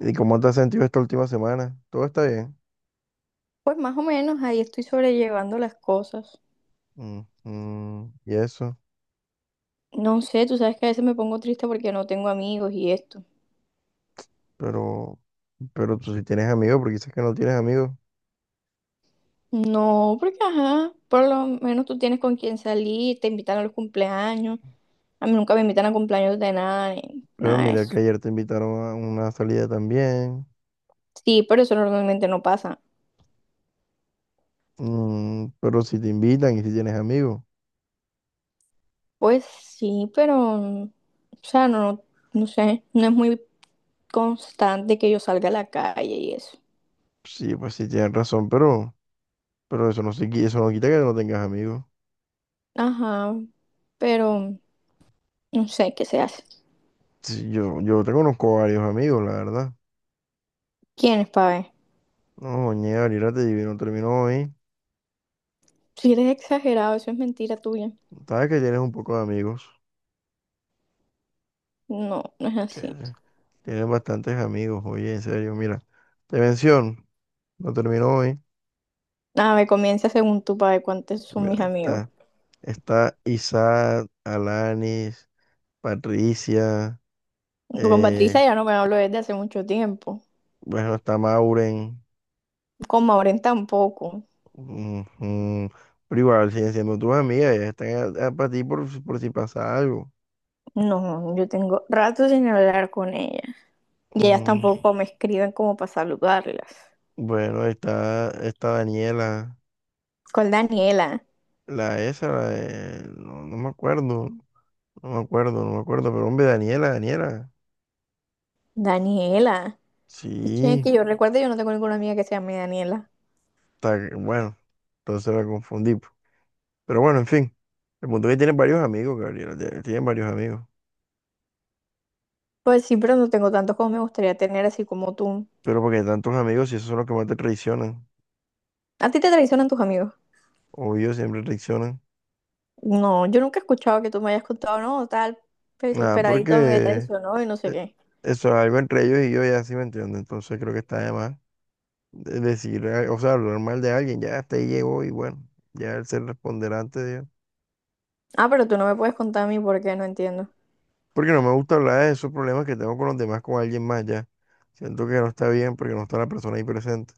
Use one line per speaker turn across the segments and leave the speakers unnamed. ¿Y cómo te has sentido esta última semana? Todo está bien.
Pues más o menos ahí estoy sobrellevando las cosas.
Mm, mm, y eso.
No sé, tú sabes que a veces me pongo triste porque no tengo amigos y esto.
Pero, pero tú sí tienes amigos, porque dices que no tienes amigos.
No, porque ajá, por lo menos tú tienes con quién salir, te invitan a los cumpleaños. A mí nunca me invitan a cumpleaños de nada, ni
Pero
nada de
mira
eso.
que ayer te invitaron a una salida también.
Sí, pero eso normalmente no pasa.
Mm, pero si te invitan y si tienes amigos.
Pues sí, pero, o sea, no, no sé, no es muy constante que yo salga a la calle y eso.
Sí, pues sí tienes razón, pero eso no se, eso no quita que no tengas amigos.
Ajá, pero no sé qué se hace.
Sí, yo te conozco varios amigos, la verdad.
¿Quién es Ver?
No, ñe, ahorita te no terminó hoy.
Si eres exagerado, eso es mentira tuya.
Sabes que tienes un poco de amigos.
No, no es así.
Chévere. Tienes bastantes amigos, oye, en serio, mira. Te menciono, no terminó hoy.
Nada, me comienza según tu padre cuántos son mis
Mira,
amigos.
está Isaac, Alanis, Patricia,
Con
eh,
Patricia ya no me hablo desde hace mucho tiempo.
bueno, está Mauren,
Con Maureen tampoco.
ujú, pero igual siguen siendo tus amigas, ellas están para ti por, por si pasa algo.
No, yo tengo rato sin hablar con ella. Y ellas
Ujú.
tampoco me escriben como para saludarlas.
Bueno, está Daniela,
Con Daniela.
la esa, no, no me acuerdo, no me acuerdo, pero hombre, Daniela, Daniela,
Daniela. Esto es
sí.
que yo recuerdo, yo no tengo ninguna amiga que se llame Daniela.
Bueno, entonces la confundí. Po. Pero bueno, en fin. El punto es que tiene varios amigos, Gabriel. Tiene varios amigos.
Pues sí, pero no tengo tantos como me gustaría tener, así como tú.
Pero porque tantos amigos, si esos son los que más te traicionan.
¿A ti te traicionan tus amigos?
Obvio, siempre traicionan.
No, yo nunca he escuchado que tú me hayas contado, no, tal, pues,
Nada,
esperadito me
porque
traicionó y no sé
eh,
qué.
eso es algo entre ellos y yo ya sí me entiendo. Entonces creo que está de más decir, o sea, hablar mal de alguien. Ya hasta ahí llegó y bueno, ya él se responderá ante Dios.
Ah, pero tú no me puedes contar a mí por qué, no entiendo.
Porque no me gusta hablar de esos problemas que tengo con los demás, con alguien más ya. Siento que no está bien porque no está la persona ahí presente.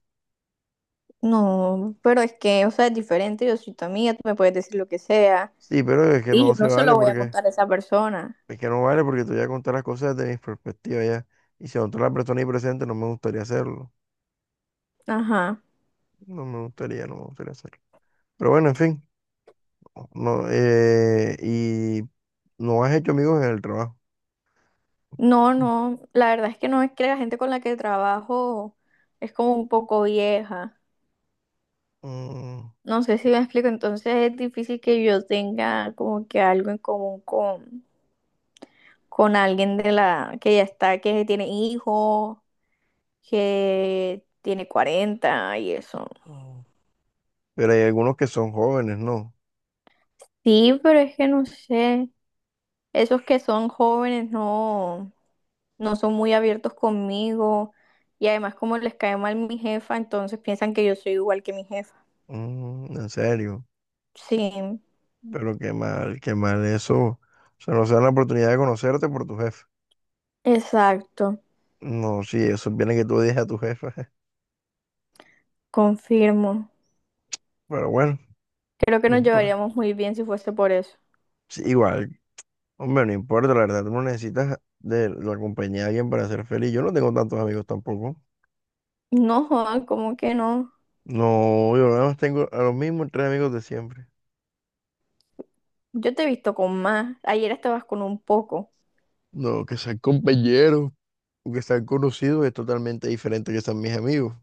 No, pero es que, o sea, es diferente, yo soy tu amiga, tú me puedes decir lo que sea
Sí, pero es que
y yo
no se
no se lo
vale
voy a
porque
contar a esa persona.
es que no vale porque te voy a contar las cosas desde mi perspectiva ya. Y si otra persona ahí presente, no me gustaría hacerlo.
Ajá.
No me gustaría hacerlo. Pero bueno, en fin. No, y no has hecho amigos en el trabajo.
No, no, la verdad es que no, es que la gente con la que trabajo es como un poco vieja.
Mm,
No sé si me explico, entonces es difícil que yo tenga como que algo en común con alguien de la que ya está, que tiene hijos, que tiene 40 y eso.
mm. Pero hay algunos que son jóvenes, ¿no?
Sí, pero es que no sé, esos que son jóvenes no, no son muy abiertos conmigo y además como les cae mal mi jefa, entonces piensan que yo soy igual que mi jefa.
Mm, en serio.
Sí,
Pero qué mal eso. O sea, no se dan la oportunidad de conocerte por tu jefe.
exacto,
No, sí, eso viene que tú digas a tu jefa.
confirmo.
Pero bueno,
Creo que
no
nos
importa.
llevaríamos muy bien si fuese por eso.
Sí, igual. Hombre, no importa, la verdad, tú no necesitas de la compañía de alguien para ser feliz. Yo no tengo tantos amigos tampoco.
No, Juan, ¿cómo que no?
No, yo nada más tengo a los mismos tres amigos de siempre.
Yo te he visto con más. Ayer estabas con un poco,
No, que sean compañeros o que sean conocidos es totalmente diferente que sean mis amigos.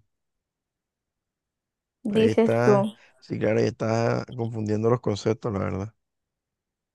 Ahí
dices tú.
está, sí, claro, ahí está confundiendo los conceptos, la verdad.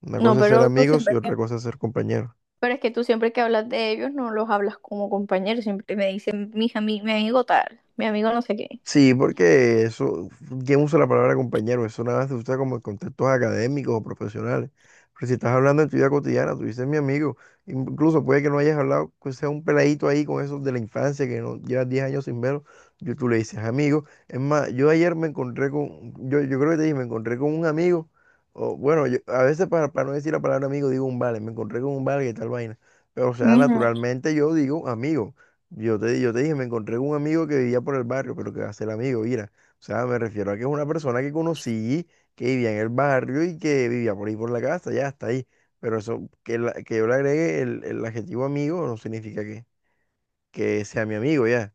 Una
No,
cosa es ser
pero tú
amigos y
siempre que,
otra cosa es ser compañeros.
pero es que tú siempre que hablas de ellos no los hablas como compañeros, siempre me dicen mi amigo tal, mi amigo no sé qué.
Sí, porque eso, ¿quién usa la palabra compañero? Eso nada más se usa como en contextos académicos o profesionales. Pero si estás hablando en tu vida cotidiana, tú dices mi amigo, incluso puede que no hayas hablado, que sea un peladito ahí con esos de la infancia que no llevas 10 años sin verlo, yo, tú le dices amigo. Es más, yo ayer me encontré con, yo creo que te dije, me encontré con un amigo, o bueno, a veces para no decir la palabra amigo digo un vale, me encontré con un vale y tal vaina. Pero o sea,
Ujú.
naturalmente yo digo amigo. Yo te dije, me encontré con un amigo que vivía por el barrio, pero que va a ser amigo, mira. O sea, me refiero a que es una persona que conocí, que vivía en el barrio y que vivía por ahí por la casa, ya está ahí. Pero eso, que, que yo le agregue el adjetivo amigo no significa que sea mi amigo, ya.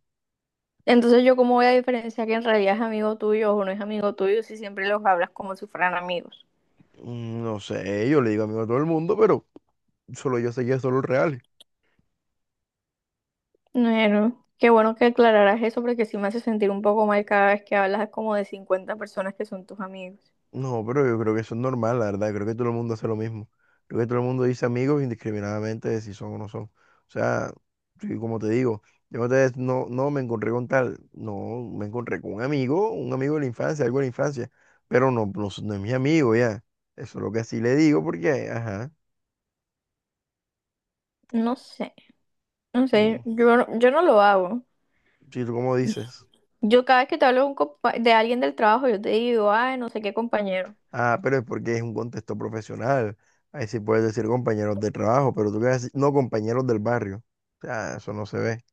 Entonces yo cómo voy a diferenciar que en realidad es amigo tuyo o no es amigo tuyo si siempre los hablas como si fueran amigos.
Mm, no sé, yo le digo amigo a todo el mundo, pero solo yo sé que son los reales.
Bueno, qué bueno que aclararas eso porque sí me hace sentir un poco mal cada vez que hablas como de 50 personas que son tus amigos.
No, pero yo creo que eso es normal, la verdad. Creo que todo el mundo hace lo mismo. Creo que todo el mundo dice amigos indiscriminadamente de si son o no son. O sea, sí, como te digo, yo otra vez no, no me encontré con tal, no, me encontré con un amigo de la infancia, algo de la infancia, pero es no es mi amigo ya. Eso es lo que así le digo porque, ajá,
No sé, no
mm,
sé, yo, no- yo no lo hago.
sí, tú como dices,
Yo cada vez que te hablo de, un compa- de alguien del trabajo, yo te digo, ay, no sé qué compañero.
ah, pero es porque es un contexto profesional. Ahí sí puedes decir compañeros de trabajo, pero tú qué vas a decir, no compañeros del barrio. O sea, eso no se ve.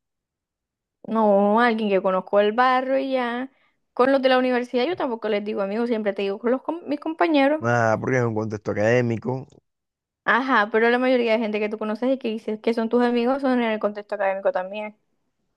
No, alguien que conozco el barrio y ya. Con los de la universidad yo tampoco les digo amigos, siempre te digo con los com- mis compañeros.
Nada, porque es un contexto académico,
Ajá, pero la mayoría de gente que tú conoces y que dices que son tus amigos son en el contexto académico también.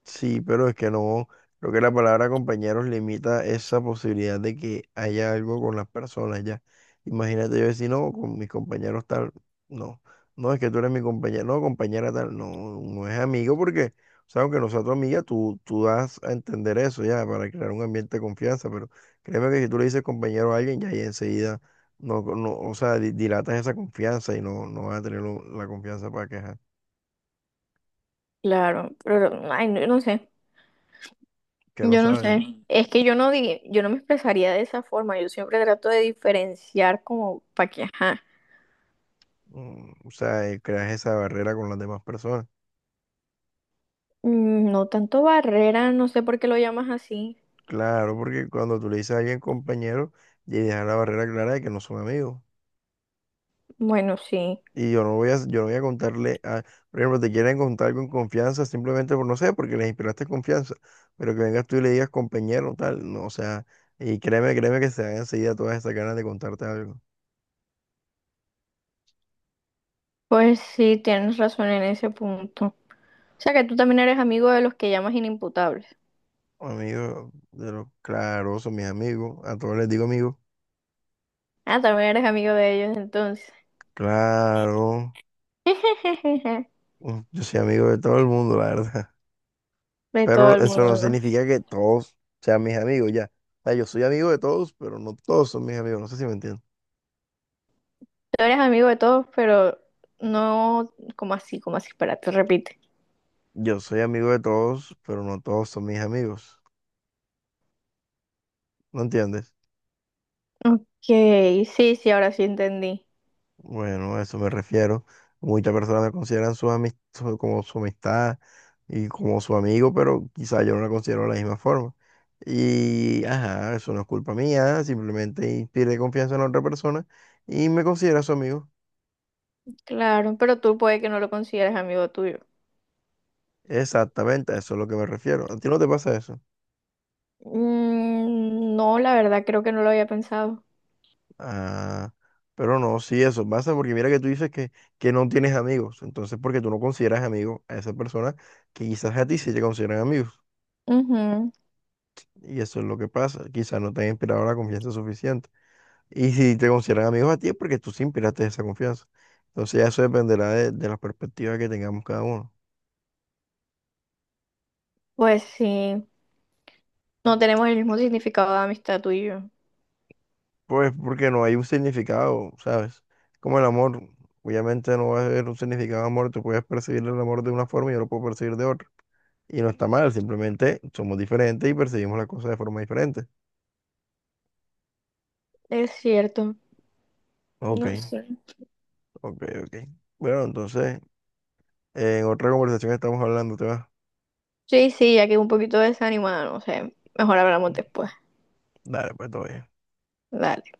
sí, pero es que no, creo que la palabra compañeros limita esa posibilidad de que haya algo con las personas ya. Imagínate yo decir, no, con mis compañeros tal, no, no es que tú eres mi compañero, no, compañera tal, no, no es amigo porque, o sea, aunque no sea tu amiga, tú das a entender eso ya para crear un ambiente de confianza, pero créeme que si tú le dices compañero a alguien, ya ahí enseguida, no, no, o sea, dilatas esa confianza y no, no vas a tener la confianza para quejar,
Claro, pero ay, no, no sé.
que no
Yo no
sabes.
sé. Ujú. Es que yo no di, yo no me expresaría de esa forma. Yo siempre trato de diferenciar como para que, ajá.
Mm, o sea, creas esa barrera con las demás personas.
Mm, no tanto barrera, no sé por qué lo llamas así.
Claro, porque cuando tú le dices a alguien compañero, ya dejas la barrera clara de que no son amigos.
Bueno, sí.
Y yo no voy a contarle a, por ejemplo, te quieren contar con confianza simplemente por no sé, porque les inspiraste confianza. Pero que vengas tú y le digas compañero, tal, no, o sea, y créeme, créeme que se dan enseguida todas esas ganas de contarte algo.
Pues sí, tienes razón en ese punto. O sea que tú también eres amigo de los que llamas inimputables.
Amigos, de los claro, son mis amigos, a todos les digo amigos.
Ah, también eres amigo de ellos entonces.
Claro, mm, yo soy amigo de todo el mundo, la verdad.
De todo
Pero
el
eso no
mundo, ¿no?
significa que todos sean mis amigos, ya. O sea, yo soy amigo de todos, pero no todos son mis amigos. No sé si me entiendes.
Tú eres amigo de todos, pero no como así, como así, espérate, repite.
Yo soy amigo de todos, pero no todos son mis amigos. ¿No entiendes?
Ok, sí, sí, ahora sí entendí.
Bueno, a eso me refiero. Muchas personas me consideran como su amistad y como su amigo, pero quizá yo no la considero de la misma forma. Y, ajá, eso no es culpa mía, simplemente pierde confianza en la otra persona y me considera su amigo.
Claro, pero tú puede que no lo consideres amigo tuyo.
Exactamente, a eso es lo que me refiero. ¿A ti no te pasa eso?
Mm, no, la verdad creo que no lo había pensado.
Ah, pero no, sí, eso pasa porque mira que tú dices que no tienes amigos, entonces porque tú no consideras amigo a esa persona que quizás a ti sí te consideran amigos,
Ujú.
y eso es lo que pasa, quizás no te han inspirado la confianza suficiente, y si te consideran amigos a ti es porque tú sí inspiraste esa confianza, entonces ya eso dependerá de la perspectiva que tengamos cada uno,
Pues sí, no tenemos el mismo significado de amistad tú y yo.
pues porque no hay un significado, ¿sabes? Como el amor, obviamente no va a haber un significado de amor, tú puedes percibir el amor de una forma y yo lo puedo percibir de otra. Y no está mal, simplemente somos diferentes y percibimos las cosas de forma diferente.
Es cierto,
Ok,
no sé.
ok. Bueno, entonces, en otra conversación estamos hablando, ¿te va?
Sí, sí, ya que un poquito desanimada, no sé, mejor hablamos después.
Dale, pues todavía.
Dale.